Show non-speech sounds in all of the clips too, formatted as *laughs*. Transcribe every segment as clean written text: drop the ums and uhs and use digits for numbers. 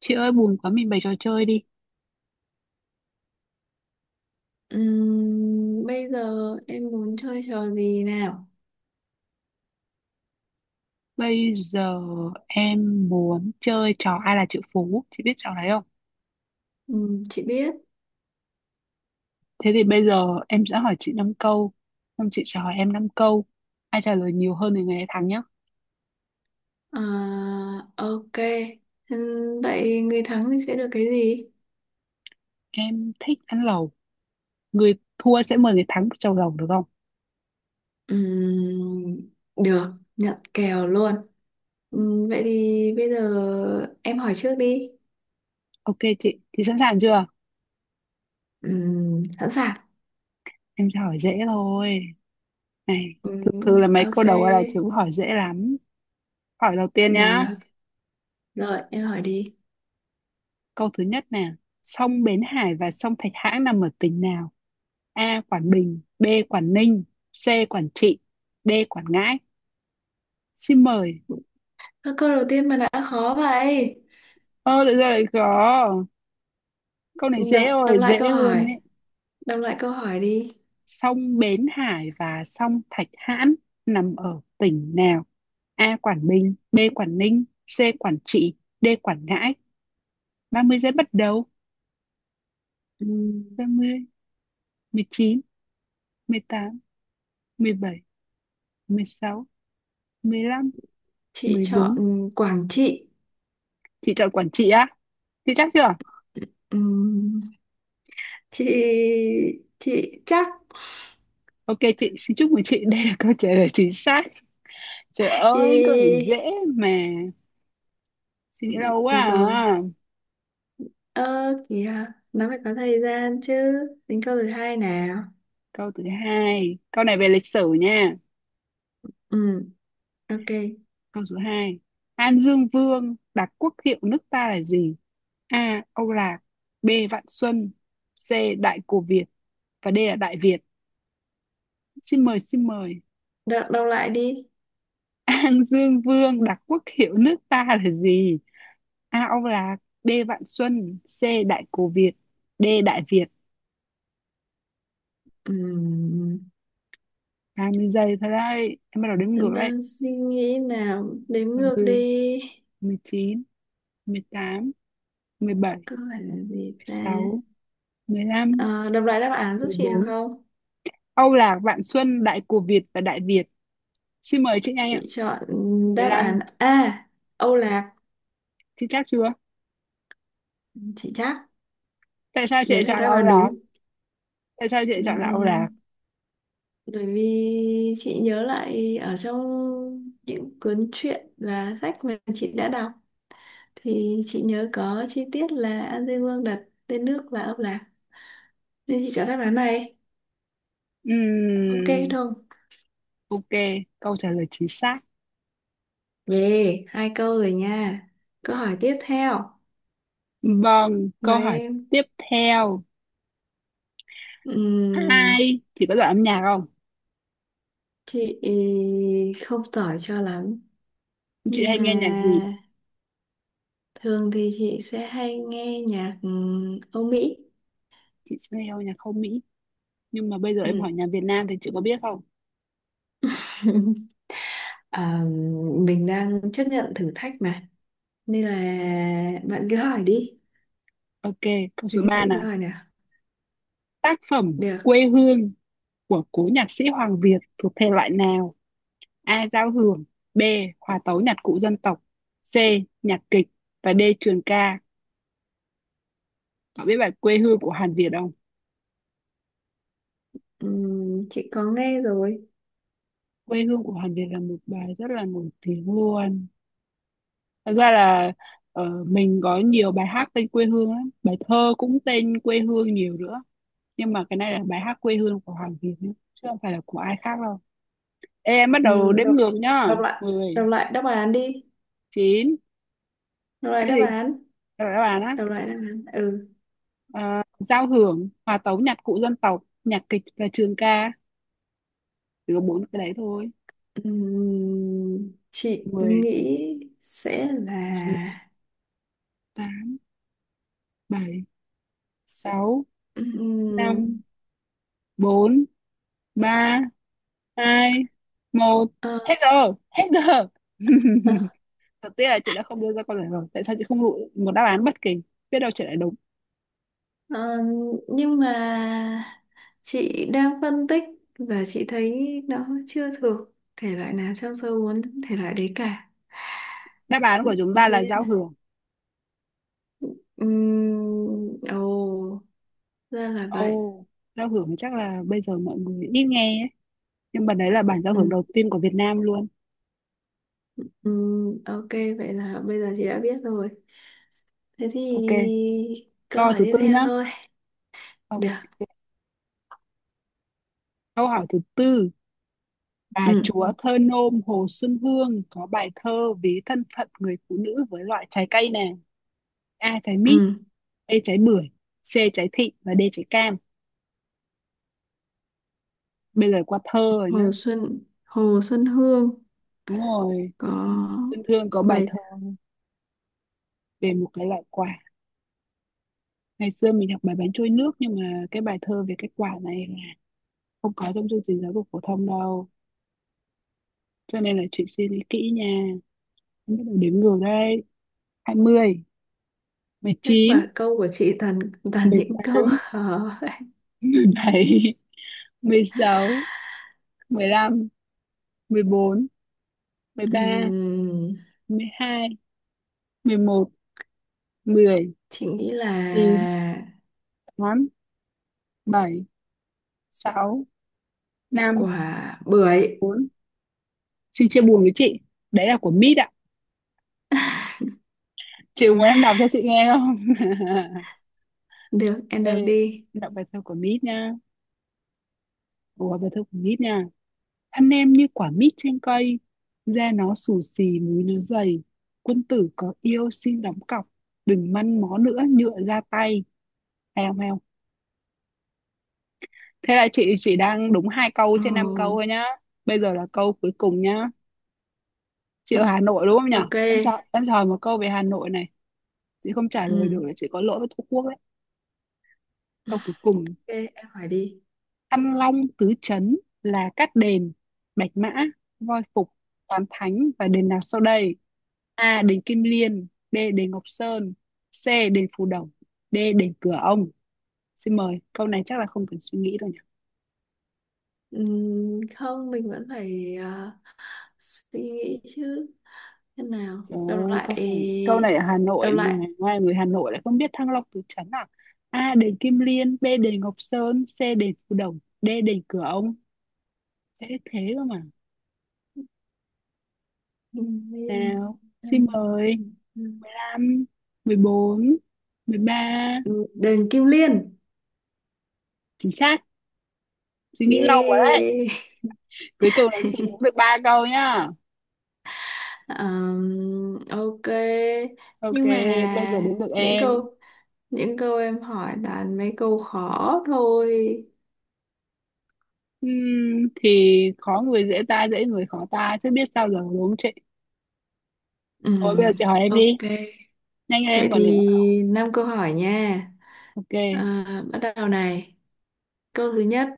Chị ơi buồn quá mình bày trò chơi đi. Bây giờ em muốn chơi trò gì nào? Bây giờ em muốn chơi trò ai là triệu phú, chị biết trò đấy không? Chị biết. Thế thì bây giờ em sẽ hỏi chị 5 câu, xong chị sẽ hỏi em 5 câu. Ai trả lời nhiều hơn thì người ấy thắng nhá. À, ok. Vậy người thắng thì sẽ được cái gì? Em thích ăn lẩu, người thua sẽ mời người thắng một chầu lẩu được không? Ừm, được, nhận kèo luôn. Vậy thì bây giờ em hỏi trước đi. Ok chị, thì sẵn sàng chưa? Sẵn sàng. Em sẽ hỏi dễ thôi. Này, thực sự là mấy Ok, câu đầu ai là chữ hỏi dễ lắm. Hỏi đầu tiên nhá. được. Rồi, em hỏi đi. Câu thứ nhất nè, sông Bến Hải và sông Thạch Hãn nằm ở tỉnh nào? A. Quảng Bình, B. Quảng Ninh, C. Quảng Trị, D. Quảng Ngãi. Xin mời. Ơ, câu đầu tiên mà đã khó vậy. Ơ lại ra lại có. Câu này dễ Đọc rồi, lại câu dễ luôn hỏi. ấy. Đọc lại câu hỏi đi. Sông Bến Hải và sông Thạch Hãn nằm ở tỉnh nào? A. Quảng Bình, B. Quảng Ninh, C. Quảng Trị, D. Quảng Ngãi. 30 giây bắt đầu. Ừm, Ba mươi, mười mười mười chín, tám, mười bảy, mười sáu, mười lăm, chị mười chọn bốn. Quảng Trị. Chị chọn Quảng Trị á? Chị chắc chưa? Ừm, chị chị chắc. Ok chị, xin chúc mừng chị. Đây là câu trả lời chính xác. Trời ơi, câu này Yeah, dễ mà. Suy nghĩ lâu quá được rồi. à. Ơ kìa, nó phải có thời gian chứ. Tính câu thứ hai nào. Câu thứ hai. Câu này về lịch sử nha. Ừm, ok. Câu số hai, An Dương Vương đặt quốc hiệu nước ta là gì? A. Âu Lạc. B. Vạn Xuân. C. Đại Cổ Việt. Và D là Đại Việt. Xin mời. Đọc đọc lại đi. *laughs* An Dương Vương đặt quốc hiệu nước ta là gì? A. Âu Lạc. B. Vạn Xuân. C. Đại Cổ Việt. D. Đại Việt. Ừm, 20 giây thôi đấy. Em bắt đầu đếm ngược đấy. đang suy nghĩ nào, đếm Ba ngược mươi, đi. mười chín, mười mười tám, mười bảy, Câu hỏi là gì mười ta? sáu, 16, Ờ, đọc lại đáp án giúp mười chị được bốn. không? Âu Lạc, Vạn Xuân, Đại Cổ Việt và Đại Việt. Xin mời chị nhanh ạ. Chị chọn đáp án 15, A, Âu Lạc. chị chắc chưa? Chị chắc Tại sao chị đấy lại là chọn là đáp Âu án Lạc? đúng. Tại sao chị lại chọn là Âu Lạc? Ừ, bởi vì chị nhớ lại ở trong những cuốn truyện và sách mà chị đã đọc, thì chị nhớ có chi tiết là An Dương Vương đặt tên nước và ông Lạc, nên chị chọn đáp án này. Ok Ừm, không? ok, câu trả lời chính xác. Yeah, hai câu rồi nha. Câu hỏi tiếp theo Vâng, mà câu hỏi em... tiếp theo. Ừm, Hai, chị có giỏi âm nhạc không? chị không giỏi cho lắm, Chị nhưng hay nghe nhạc gì? mà thường thì chị sẽ hay nghe nhạc Âu Mỹ. Chị sẽ nghe nhạc không Mỹ. Nhưng mà bây giờ em hỏi Ừ. nhạc Việt Nam thì chị có biết không? *laughs* À, mình đang chấp nhận thử thách mà, nên là bạn cứ hỏi đi. Ok, câu Thực số 3 hiện nào. câu hỏi nào. Tác phẩm Được. Quê hương của cố nhạc sĩ Hoàng Việt thuộc thể loại nào? A. Giao hưởng, B. Hòa tấu nhạc cụ dân tộc, C. Nhạc kịch, và D. Trường ca. Cậu biết bài Quê hương của Hàn Việt không? Chị có nghe rồi. Quê hương của Hàn Việt là một bài rất là nổi tiếng luôn. Thật ra là mình có nhiều bài hát tên quê hương lắm. Bài thơ cũng tên quê hương nhiều nữa. Nhưng mà cái này là bài hát quê hương của Hoàng Việt nhé, chứ không phải là của ai khác đâu. Ê, em bắt đầu đếm Đọc ngược nhá. đọc lại. Đọc Mười, lại đáp án đi. 9, Đọc lại cái đáp gì? án. Rồi các bạn á. Đọc lại đáp án. Ừ. À, giao hưởng, hòa tấu nhạc cụ dân tộc, nhạc kịch và trường ca. Chỉ có bốn cái đấy thôi. Chị Mười, nghĩ sẽ chín, là... tám, bảy, sáu, Ừm, năm, bốn, ba, hai, một. ờ, Hết giờ, hết giờ. *laughs* ờ, Thật tiếc là chị đã không đưa ra câu trả lời. Tại sao chị không lựa một đáp án bất kỳ? Biết đâu chị lại đúng. ờ, nhưng mà chị đang phân tích và chị thấy nó chưa thuộc thể loại nào trong số 4 thể loại đấy cả. Đáp án của chúng ta Thế là nên giao hưởng. Ồ, ra là vậy. Ồ, giao hưởng thì chắc là bây giờ mọi người ít nghe ấy, nhưng mà đấy là bản giao hưởng Ừm, đầu tiên của Việt Nam luôn. Ok, vậy là bây giờ chị đã biết rồi. Thế thì Ok, câu câu hỏi thứ tiếp tư theo nhá. thôi. Ok. Được. Câu hỏi thứ tư, bà Ừm, chúa thơ nôm Hồ Xuân Hương có bài thơ ví thân phận người phụ nữ với loại trái cây nào? A trái mít, ừm. B trái bưởi, C trái thị và D trái cam. Bây giờ qua thơ rồi nhá. Hồ Xuân Hồ Xuân Hương Đúng rồi, có Xuân Hương có bài bài... thơ về một cái loại quả. Ngày xưa mình học bài bánh trôi nước, nhưng mà cái bài thơ về cái quả này là không có trong chương trình giáo dục phổ thông đâu. Cho nên là chị suy nghĩ kỹ nha. Em bắt đầu đếm ngược đây. Hai mươi, mười Các chín, và câu của chị toàn toàn mười những *laughs* câu tám, khó. mười bảy, mười sáu, mười lăm, mười sáu, bốn, mười ba, Ừm, mười hai, mười một, mười chị nghĩ là chín, tám, bảy, sáu, năm, quả bưởi. bốn. Xin chia buồn với chị. Đấy là của Mít ạ. Chị muốn em đọc cho chị nghe không? Được, *laughs* em đọc Đây, em đi. đọc bài thơ của Mít nha. Ủa, bài thơ của Mít nha. Thân em như quả mít trên cây, da nó xù xì, múi nó dày. Quân tử có yêu xin đóng cọc, đừng măn mó nữa nhựa ra tay. Hay không, hay? Thế là chị chỉ đang đúng 2 câu Ồ. trên năm câu thôi nhá. Bây giờ là câu cuối cùng nhá. Chị ở Hà Nội đúng không nhở? Ok. Em sợ một câu về Hà Nội này. Chị không trả lời được Ừm, là chị có lỗi với Tổ quốc đấy. Câu cuối cùng. ok, em hỏi đi. Thăng Long tứ trấn là Cát Đền, Bạch Mã, Voi Phục, Toàn Thánh và đền nào sau đây? A. Đền Kim Liên, B. Đền Ngọc Sơn, C. Đền Phù Đổng, D. Đền Cửa Ông. Xin mời. Câu này chắc là không cần suy nghĩ đâu nhỉ? Không, mình vẫn phải suy nghĩ chứ. Thế nào, Trời đọc ơi, câu lại. này, câu này ở Hà Nội Đọc mà, lại. ngoài người Hà Nội lại không biết Thăng Long Tứ Trấn à? A. Đền Kim Liên, B. Đền Ngọc Sơn, C. Đền Phù Đồng, D. Đền Cửa Ông. Dễ thế cơ mà. Kim Liên. Nào, xin Đơn. mời. Mười lăm, mười bốn, mười ba. Ừ, Đền Kim Liên. Chính xác, suy nghĩ lâu quá đấy. Yeah. Cuối cùng là chị cũng được 3 câu nhá. Ok, Ok, nhưng bây giờ mà đến được những em. câu những câu em hỏi toàn mấy câu khó thôi. Thì khó người dễ ta, dễ người khó ta, chứ biết sao giờ đúng không chị? Thôi bây giờ Ừm, chị hỏi em đi. ok, Nhanh lên vậy em thì còn nữa. năm câu hỏi nha. Ok. À, bắt đầu này. Câu thứ nhất,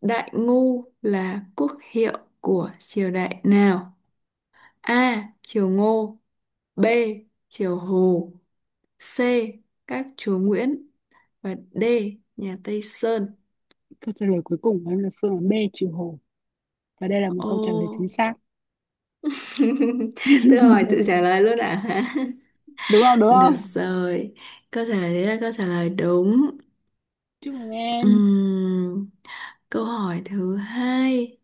Đại Ngô là quốc hiệu của triều đại nào? A. Triều Ngô. B. Triều Hồ. C. Các chúa Nguyễn. Và D. Nhà Tây Sơn. Câu trả lời cuối cùng của em là phương án B trừ Hồ. Và đây là một câu trả lời Ô. chính xác. *laughs* Tự hỏi tự *laughs* trả lời luôn à? *laughs* Đúng Được không? rồi. Câu trả lời đấy là câu trả lời đúng. Chúc mừng em. Ừm, câu hỏi thứ hai.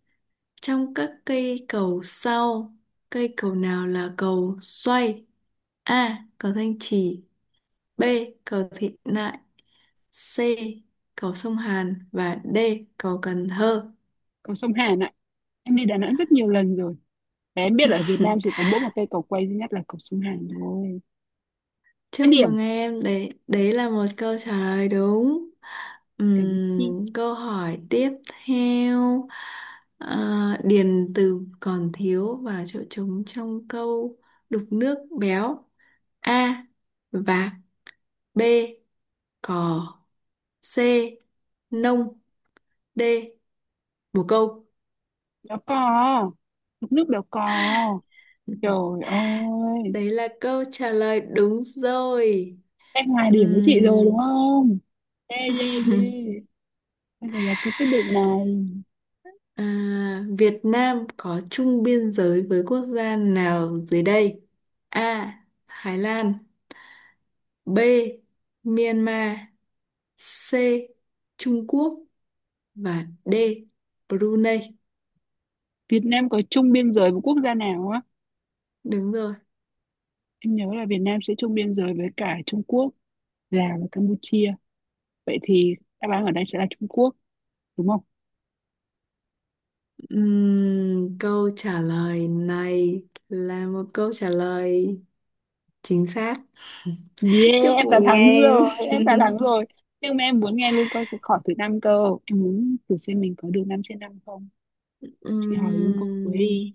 Trong các cây cầu sau, cây cầu nào là cầu xoay? A. Cầu Thanh Trì. B. Cầu Thị Nại. C. Cầu Sông Hàn. Và D. Cầu Cần Thơ. Cầu sông Hàn ạ. Em đi Đà Nẵng rất nhiều lần rồi. Và em biết là ở Việt Nam *laughs* chỉ có mỗi một cây cầu quay duy nhất là cầu sông Hàn thôi. Hai Chúc điểm. mừng em, đấy, đấy là một câu trả lời đúng. Cảm ơn chị. Câu hỏi tiếp theo. Ờ, điền từ còn thiếu vào chỗ trống trong câu đục nước béo. A. Vạc. B. Cò. C. Nông. D. Bồ câu. Đó có. Mực nước đó có. Trời *laughs* ơi. Đấy là câu trả lời đúng rồi. Em hòa điểm với chị rồi đúng Ừm, không? Yeah, yeah, yeah. Bây giờ là tôi quyết định này. À, Việt Nam có chung biên giới với quốc gia nào dưới đây? A. Thái Lan. B. Myanmar. C. Trung Quốc. Và D. Brunei. Việt Nam có chung biên giới với quốc gia nào á? Đúng rồi. Em nhớ là Việt Nam sẽ chung biên giới với cả Trung Quốc, Lào và Campuchia. Vậy thì đáp án ở đây sẽ là Trung Quốc, đúng không? Câu trả lời này là một câu trả lời chính xác. *laughs* Yeah, Chúc em đã mừng thắng em. rồi, em đã thắng *laughs* rồi. Nhưng mà em muốn nghe luôn câu hỏi thứ năm cơ, em muốn thử xem mình có được 5/5 không. Chị hỏi luôn câu cuối đi, Ừm,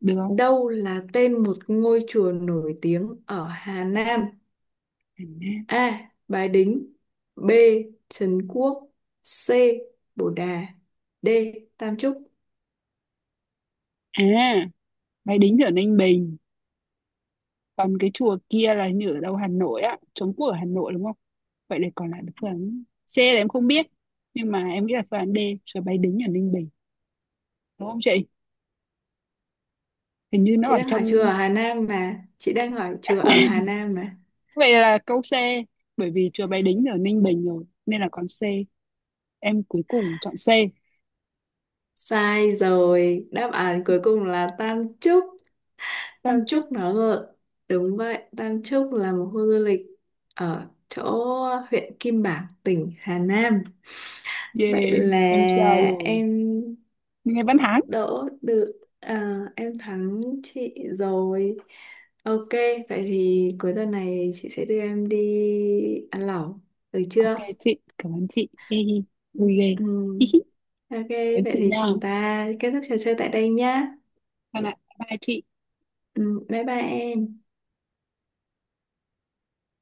được không? Đâu là tên một ngôi chùa nổi tiếng ở Hà Nam? Hà Nam A. Bái Đính. B. Trấn Quốc. C. Bồ Đà. D. Tam Chúc. à. Máy Đính ở Ninh Bình, còn cái chùa kia là như ở đâu, Hà Nội á? Trống Quốc ở Hà Nội đúng không? Vậy là còn lại là phương án C là em không biết, nhưng mà em nghĩ là phương án D. Chùa máy Đính ở Ninh Bình, đúng không chị? Hình như nó Chị ở đang hỏi chùa trong. ở Hà Nam mà. Chị đang hỏi chùa ở Hà *laughs* Nam mà. Vậy là câu C, bởi vì chùa Bái Đính ở Ninh Bình rồi, nên là con C. Em cuối cùng chọn C. Sai rồi. Đáp án cuối cùng là Tam Chúc. Tam Tam Trúc, Chúc nó ngược. Đúng vậy, Tam Chúc là một khu du lịch ở chỗ huyện Kim Bảng, tỉnh Hà Nam. Vậy yeah, là em ra rồi. em Nghe Văn Hán. đỡ được. À, em thắng chị rồi. Ok, vậy thì cuối tuần này chị sẽ đưa em đi ăn lẩu, được Ok chưa? chị, cảm ơn chị. Hi hi, vui ghê. Ừ. Hi hi, Ok. cảm ơn Vậy chị thì nha. chúng ta kết thúc trò chơi tại đây nhá. Bye bye chị. Ừ, bye bye em.